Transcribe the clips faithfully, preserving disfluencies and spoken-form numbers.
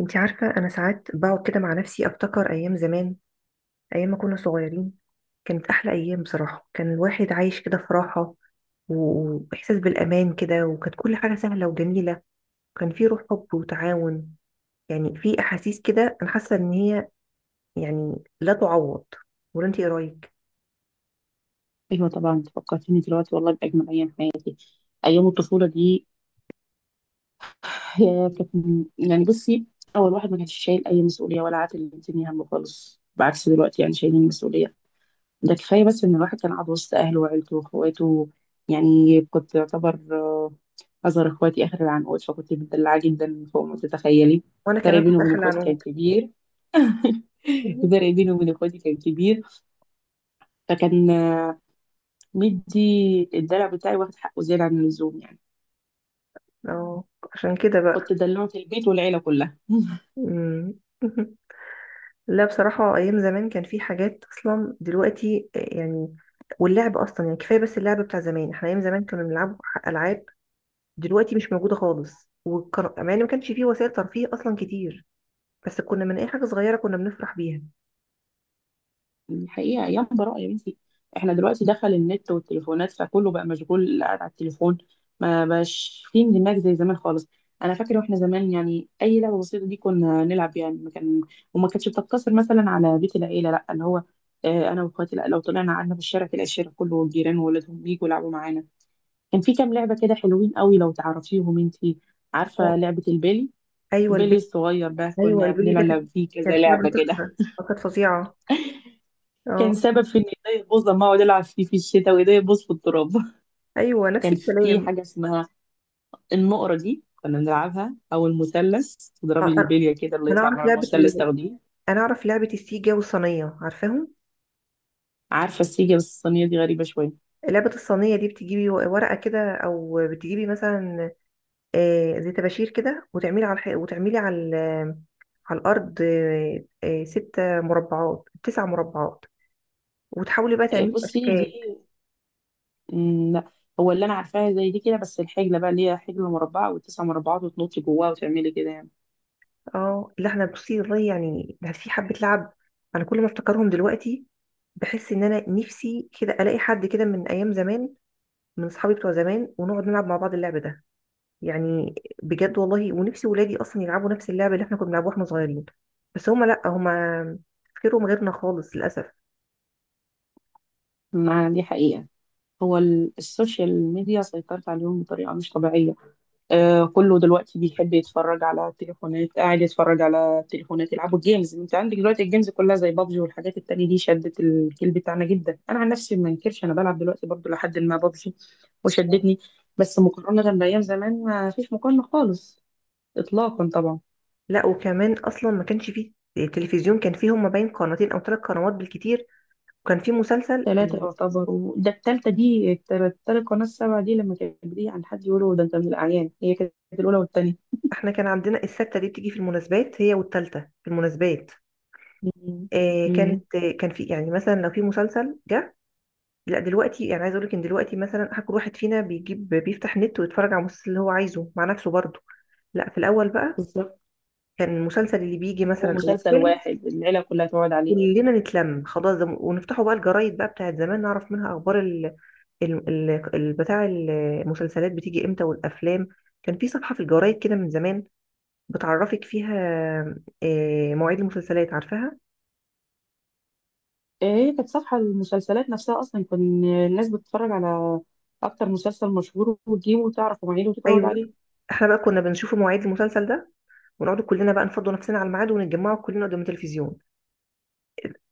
انتي عارفة، انا ساعات بقعد كده مع نفسي افتكر ايام زمان. ايام ما كنا صغيرين كانت احلى ايام، بصراحة. كان الواحد عايش كده في راحة، و- واحساس بالامان كده، وكانت كل حاجة سهلة وجميلة، وكان في روح حب وتعاون. يعني في احاسيس كده، انا حاسة ان هي، يعني، لا تعوض. ولا انتي ايه رايك؟ ايوه، طبعا انت فكرتيني دلوقتي والله باجمل ايام حياتي. ايام الطفوله دي. يا كانت يعني بصي، اول واحد ما كانش شايل اي مسؤوليه ولا عاتل الدنيا همه خالص، بعكس دلوقتي يعني شايلين مسؤوليه. ده كفايه بس ان الواحد كان قاعد وسط اهله وعيلته واخواته. يعني كنت يعتبر آه، اصغر اخواتي، اخر العنقود، فكنت مدلعه جدا فوق ما تتخيلي. وانا الفرق كمان بيني كنت وبين داخلة عن اخواتي كان عنك كبير. الفرق بيني وبين اخواتي كان كبير. فكان آه، مدي الدلع بتاعي واخد حقه زياده عن اللزوم يعني. اه، عشان كده بقى. كنت دلوعة البيت والعيلة كلها. مم. لا، بصراحة أيام زمان كان في حاجات أصلا دلوقتي، يعني. واللعب أصلا يعني كفاية، بس اللعب بتاع زمان، احنا أيام زمان كنا بنلعب ألعاب دلوقتي مش موجودة خالص. وكان، مع إن ما كانش فيه وسائل ترفيه أصلا كتير، بس كنا من أي حاجة صغيرة كنا بنفرح بيها. الحقيقة أيام براءة يا بنتي. احنا دلوقتي دخل النت والتليفونات فكله بقى مشغول قاعد على التليفون. ما بقاش في اندماج زي زمان خالص. أنا فاكرة واحنا زمان يعني أي لعبة بسيطة دي كنا نلعب يعني ما كان، وما كانتش بتقتصر مثلا على بيت العيلة، لا اللي هو آه، أنا وأخواتي، لا لو طلعنا قعدنا في الشارع تلاقي الشارع كله والجيران وولادهم بيجوا يلعبوا معانا. كان في كام لعبة كده حلوين قوي، لو تعرفيهم انتي. عارفة اه. لعبة البيلي؟ أيوة، البيلي البيلي. الصغير ده أيوة، كنا البيلي ده كانت بنلعب فيه كذا كانت لعبة لعبة كده. تحفة، آه، كانت فظيعة. كان أه. سبب في ان ايديا تبوظ لما اقعد العب فيه في الشتاء وايديا تبوظ في التراب. أيوة، نفس كان في الكلام. حاجه اسمها النقره دي كنا بنلعبها او المثلث، آه، تضربي أنا البليه كده اللي أنا يطلع أعرف بره لعبة المثلث ال... تاخديه. أنا أعرف لعبة السيجا والصينية، عارفاهم؟ عارفه السيجه، بس الصينيه دي غريبه شويه. لعبة الصينية دي بتجيبي ورقة كده أو بتجيبي مثلا، آه، زي طباشير كده، وتعملي على الح... وتعملي على ال... على الارض، آه، آه، ست مربعات، تسع مربعات، وتحاولي بقى إيه، تعملي بصي دي. اشكال. مم، لا، هو اللي انا عارفاها زي دي كده بس الحجله بقى اللي هي حجله مربعه والتسع مربعات وتنطي جواها وتعملي كده يعني. اه، لا، احنا بصي، والله يعني ده في حبه لعب. انا كل ما افتكرهم دلوقتي بحس ان انا نفسي كده الاقي حد كده من ايام زمان، من اصحابي بتوع زمان، ونقعد نلعب مع بعض اللعب ده، يعني بجد والله. ونفسي ولادي اصلا يلعبوا نفس اللعبه اللي احنا كنا بنلعبوها واحنا صغيرين. بس هما، لا، هما تفكيرهم غيرنا خالص للاسف. ما دي حقيقه. هو ال- السوشيال ميديا سيطرت عليهم بطريقه مش طبيعيه. آه، كله دلوقتي بيحب يتفرج على التليفونات، قاعد يتفرج على التليفونات، يلعبوا جيمز. انت عندك دلوقتي الجيمز كلها زي بابجي والحاجات التانية دي شدت الجيل بتاعنا جدا. انا عن نفسي ما انكرش انا بلعب دلوقتي برضو لحد ما بابجي وشدتني. بس مقارنة بأيام زمان ما فيش مقارنة خالص، إطلاقا طبعا. لا، وكمان اصلا ما كانش فيه تلفزيون، كان فيه، هما باين، قناتين او ثلاث قنوات بالكتير، وكان فيه مسلسل ثلاثة يعني. يعتبروا، ده التالتة دي، التالت التالت قناة السبعة دي لما كانت بتيجي عن حد يقولوا ده أنت من الأعيان. هي كانت الأولى والتانية. احنا كان عندنا السته دي بتيجي في المناسبات، هي والتالته، في المناسبات. مم. آه مم. كانت، آه كان في، يعني مثلا لو في مسلسل جه. لا، دلوقتي يعني عايز اقول لك ان دلوقتي مثلا، حق- كل واحد فينا بيجيب بيفتح نت ويتفرج على المسلسل اللي هو عايزه مع نفسه برضه. لا، في الاول بقى بالظبط. كان المسلسل اللي بيجي هو مثلا او مسلسل الفيلم، واحد العيلة كلها تقعد عليه. كلنا نتلم خلاص، ده- ونفتحوا بقى الجرايد بقى بتاعت زمان، نعرف منها اخبار ال- ال- ال- بتاع المسلسلات بتيجي امتى والافلام. كان في صفحة في الجرايد كده من زمان بتعرفك فيها آه، مواعيد المسلسلات، عارفاها. هي كانت صفحة المسلسلات نفسها أصلا، كان الناس بتتفرج على أكتر مسلسل مشهور وتجيبه وتعرف مواعيده وتتعود ايوه. عليه. احنا بقى كنا بنشوف مواعيد المسلسل ده، ونقعد كلنا بقى نفضوا نفسنا على الميعاد، ونتجمعوا كلنا قدام التلفزيون.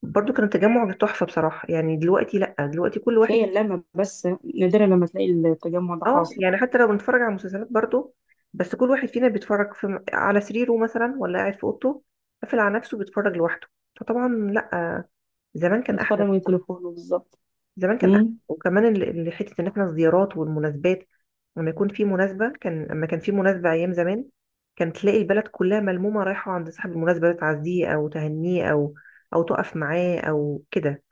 برضو كان التجمع تحفة بصراحة. يعني دلوقتي لا، دلوقتي كل واحد. تخيل لما بس نادرا لما تلاقي التجمع ده اه، حاصل. يعني حتى لو بنتفرج على مسلسلات برضو، بس كل واحد فينا بيتفرج في على سريره مثلا ولا قاعد في اوضته، قافل على نفسه بيتفرج لوحده. فطبعا لا، زمان كان نتفرج احلى. من تليفونه بالظبط. زمان كان احسن، أمم، وكمان ال- ال- حته ان احنا الزيارات والمناسبات، لما يكون في مناسبه، كان لما كان في مناسبه ايام زمان، كان تلاقي البلد كلها ملمومه رايحه عند صاحب المناسبه ده، تعزيه او تهنيه، او او تقف معاه او كده.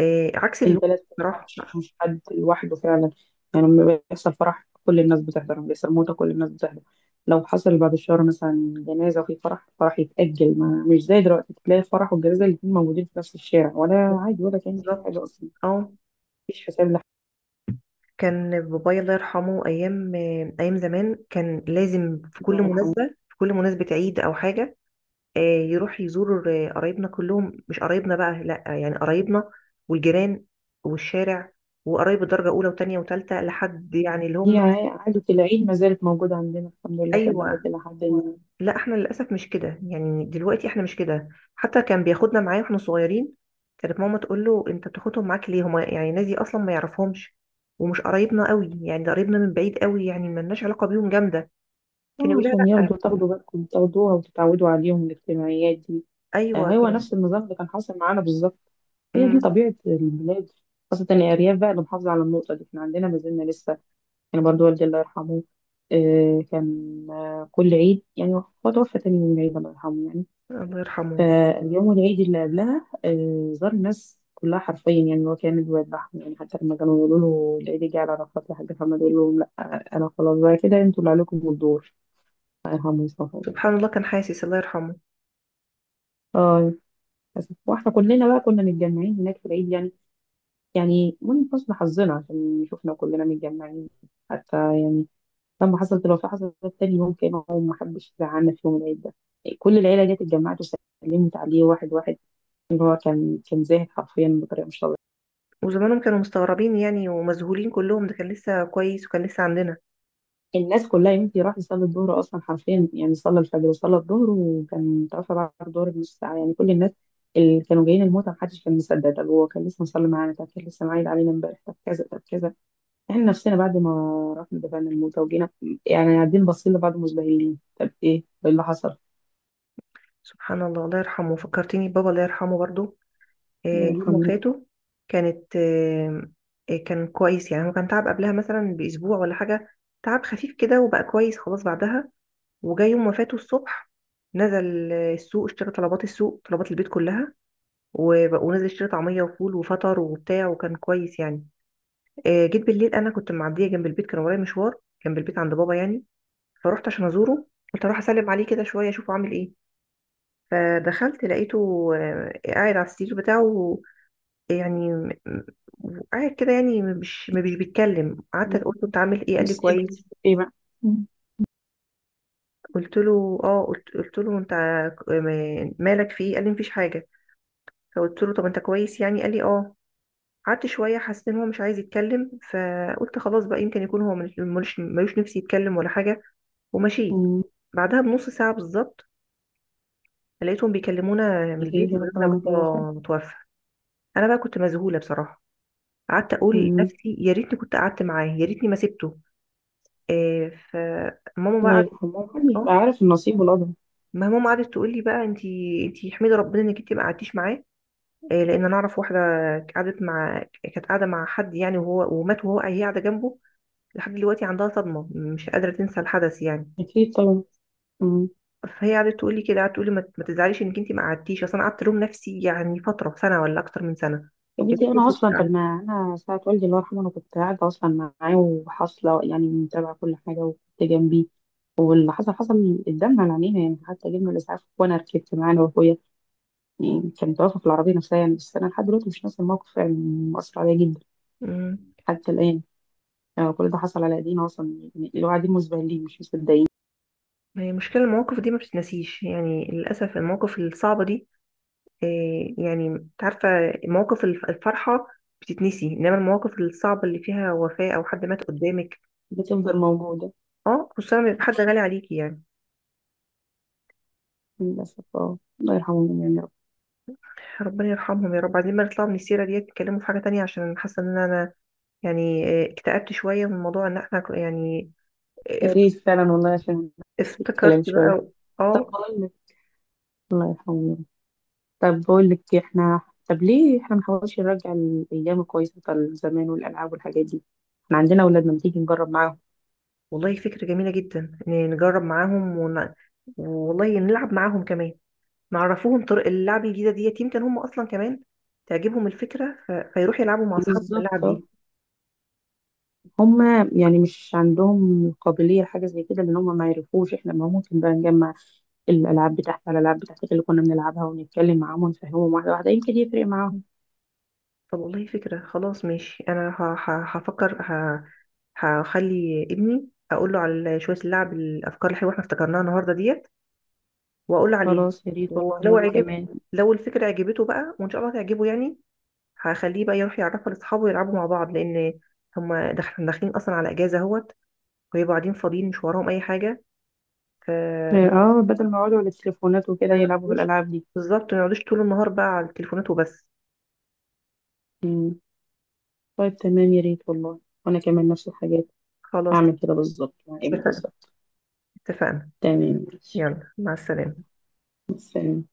آه عكس اللي البلد كلها، راح. مش مش حد لوحده فعلا. يعني لما بيحصل فرح كل الناس بتحضر، لما بيحصل موتة كل الناس بتحضر. لو حصل بعد الشهر مثلا جنازة وفي فرح، الفرح يتأجل. ما مش زي دلوقتي، تلاقي الفرح والجنازة الاتنين موجودين في نفس الشارع ولا عادي ولا كأن في بالظبط. حاجة أصلا. اه. مفيش حساب لحد. كان بابايا الله يرحمه، ايام آه، ايام زمان، كان لازم في كل الله يرحمه. مناسبه، في كل مناسبه، عيد او حاجه، آه، يروح يزور آه، قرايبنا كلهم، مش قرايبنا بقى، لا يعني قرايبنا والجيران والشارع، وقرايب الدرجة أولى وتانية وتالتة، لحد يعني اللي هم. هي عادة العيد ما زالت موجودة عندنا الحمد لله في البلد أيوة. إلى حد ما. لا، احنا للأسف مش كده، يعني دلوقتي احنا مش كده. حتى كان بياخدنا معاه واحنا صغيرين. كانت ماما تقول له: انت بتاخدهم معاك ليه؟ هما يعني ناس دي اصلا ما يعرفهمش، ومش قرايبنا قوي، يعني ده قرايبنا من بعيد قوي، يعني ما لناش علاقة بيهم جامدة. كان آه، يقول لها: عشان لا. ياخدوا تاخدوا بالكم تاخدوها وتتعودوا عليهم الاجتماعيات دي. آه، ايوه هو كان. نفس النظام اللي كان حاصل معانا بالظبط. هي دي مم. طبيعة البلاد، خاصة الأرياف بقى اللي محافظة على النقطة دي، احنا عندنا ما زلنا لسه. يعني برضو والدي الله يرحمه، آه، كان آه، كل عيد. يعني هو توفى تاني يوم العيد الله يرحمه يعني. الله يرحمه. آه، اليوم العيد اللي قبلها آه، زار الناس كلها حرفيا. يعني هو كان الواد بحر، يعني حتى لما كانوا يقولوا له العيد جه على عرفات لحاج محمد، يقول لهم لا، آه، انا خلاص بقى كده انتوا اللي عليكم الدور. الله يرحمه ويصفحه. سبحان الله، كان حاسس الله يرحمه. اه، للأسف. واحنا كلنا بقى كنا متجمعين هناك في العيد يعني، يعني من حسن حظنا عشان شفنا كلنا متجمعين. حتى يعني لما حصلت، لو في حصلت، تاني يوم كانوا، ما حدش زعلنا في يوم العيد ده. كل العيله جت اتجمعت وسلمت عليه واحد واحد. ان هو كان كان زاهد حرفيا بطريقه مش، وزمانهم كانوا مستغربين يعني ومذهولين كلهم، ده كان لسه كويس وكان لسه عندنا. الناس كلها. يمكن راح يصلي الظهر اصلا حرفيا يعني، صلى الفجر وصلى الظهر وكان توفى بعد الظهر بنص ساعه يعني. كل الناس اللي كانوا جايين الموتى محدش كان مصدق. طب هو كان لسه مصلي معانا، طب كان لسه معايد علينا امبارح، طب كذا طب كذا. احنا نفسنا بعد ما رحنا دفعنا الموتى وجينا، يعني قاعدين باصين لبعض مزبهلين. طب ايه؟ ايه اللي حصل؟ سبحان الله، الله يرحمه. فكرتني بابا، الله يرحمه برضو. آه، يعني يوم الحمد وفاته كانت آه، آه، كان كويس يعني، هو كان تعب قبلها مثلا بأسبوع ولا حاجة، تعب خفيف كده، وبقى كويس خلاص بعدها. وجاي يوم وفاته الصبح، نزل آه، السوق، اشترى طلبات السوق، طلبات البيت كلها، وب- ونزل اشترى طعمية وفول وفطر وبتاع، وكان كويس يعني. آه، جيت بالليل، انا كنت معدية جنب البيت، كان ورايا مشوار جنب البيت عند بابا يعني. فروحت عشان ازوره، قلت اروح اسلم عليه كده شويه، اشوفه عامل ايه. فدخلت لقيته آه، قاعد على السرير بتاعه، يعني م- م- قاعد كده، يعني مش مش بيتكلم. قعدت لله. قلت له: انت عامل ايه؟ قال لي: مصيبه. كويس. ايه بقى؟ مم. قلت له: اه. قلت, قلت له انت ك- م- مالك، في ايه؟ قال لي: مفيش حاجه. فقلت له: طب انت كويس يعني؟ قال لي: اه. قعدت شويه، حسيت ان هو مش عايز يتكلم. فقلت خلاص بقى، يمكن يكون هو ملوش ملوش- ملوش نفسي يتكلم ولا حاجه. ومشيت. مم. بعدها بنص ساعه بالظبط، لقيتهم بيكلمونا من يجي البيت كده بيقولوا لنا كلام الله فعلا. بابا متوفى. انا بقى كنت مذهوله بصراحه. قعدت اقول مم. لنفسي: يا ريتني كنت قعدت معاه، يا ريتني ما سبته. آه فماما بقى الله قعدت. يرحمه، محدش بقى اه. عارف النصيب والقدر. ما ماما قعدت تقول لي بقى: انتي انتي احمدي ربنا انك انتي ما قعدتيش معاه. آه لان انا اعرف واحده قعدت مع كانت قاعده مع حد يعني، وهو ومات، وهو هي قاعده جنبه. لحد دلوقتي عندها صدمه، مش قادره تنسى الحدث يعني. اكيد طبعا. فهي قعدت تقول لي كده، قعدت تقول لي: ما ما تزعليش انك انتي ما قعدتيش. اصل انا قعدت الوم نفسي يعني فتره سنه ولا اكتر من سنه. يا يا بنتي ريتني انا اصلا، طب كنت. ما انا ساعه والدي الله يرحمه انا كنت قاعده اصلا معاه وحاصله يعني، متابعه كل حاجه وكنت جنبي. واللي حصل حصل قدامنا على عينينا يعني، حتى جبنا الاسعاف وانا ركبت معاه انا واخويا. يعني كان توفى في العربيه نفسها يعني. بس انا لحد دلوقتي مش ناسي الموقف يعني، مؤثر عليا جدا مم. حتى الان. يعني كل ده حصل على ايدينا اصلا يعني، اللي هو قاعدين مسبهلين مش مصدقين. ما هي مشكلة المواقف دي ما بتتنسيش، يعني للأسف المواقف الصعبة دي، إيه، يعني انت عارفة، مواقف الف- الفرحة بتتنسي، إنما المواقف الصعبة اللي فيها وفاة أو حد مات قدامك. بتفضل موجوده. اه، خصوصا لما يبقى حد غالي عليكي يعني. للاسف، اه الله يرحمهم يعني يا رب. ربنا يرحمهم يا رب. عايزين بقى نطلع من السيرة ديت، نتكلموا في حاجة تانية، عشان حاسة إن أنا يعني إيه، اكتئبت شوية من موضوع إن احنا ك- يعني يا اف- ريت فعلا والله، عشان نفس الكلام افتكرت شويه. بقى. طب اه، بقول لك، الله يرحمه. طب بقول لك إيه، احنا، طب ليه احنا ما نحاولش نرجع الايام الكويسه بتاع زمان والالعاب والحاجات دي؟ احنا عندنا اولادنا، ما تيجي نجرب معاهم. والله فكرة جميلة جدا إن نجرب معاهم ون... والله نلعب معاهم كمان، نعرفوهم طرق اللعب الجديدة ديت، يمكن هم أصلا كمان تعجبهم الفكرة، ف... فيروحوا يلعبوا مع أصحابهم بالظبط اللعب آه. دي. هما يعني مش عندهم قابليه لحاجه زي كده لان هما ما يعرفوش، احنا ما ممكن بقى نجمع الالعاب بتاعتها، الالعاب بتاعتك اللي كنا بنلعبها ونتكلم معاهم ونفهمهم واحده واحده يمكن يفرق معاهم. طب والله فكرة، خلاص ماشي. أنا ه... ه... هفكر ه... هخلي ابني أقول له على شوية اللعب، الأفكار الحلوة احنا افتكرناها النهاردة ديت، وأقول له عليها. خلاص يا ريت والله، ولو وانا عجب كمان. لو الفكرة عجبته بقى، وإن شاء الله تعجبه يعني، هخليه بقى يروح يعرفها لأصحابه يلعبوا مع بعض، لأن هما داخل- داخلين أصلا على إجازة أهوت، ويبقوا قاعدين فاضيين مش وراهم أي حاجة. ف- اه، بدل ما يقعدوا على التليفونات وكده ما يلعبوا في يقعدوش، الالعاب دي. بالظبط ما يقعدوش طول النهار بقى على التليفونات وبس. مم. طيب تمام، يا ريت والله. وانا كمان نفس الحاجات، خلاص، هعمل كده بالظبط مع ابني اتفقنا، بالظبط. اتفقنا. تمام ماشي، يلا مع السلامة. مع السلامة.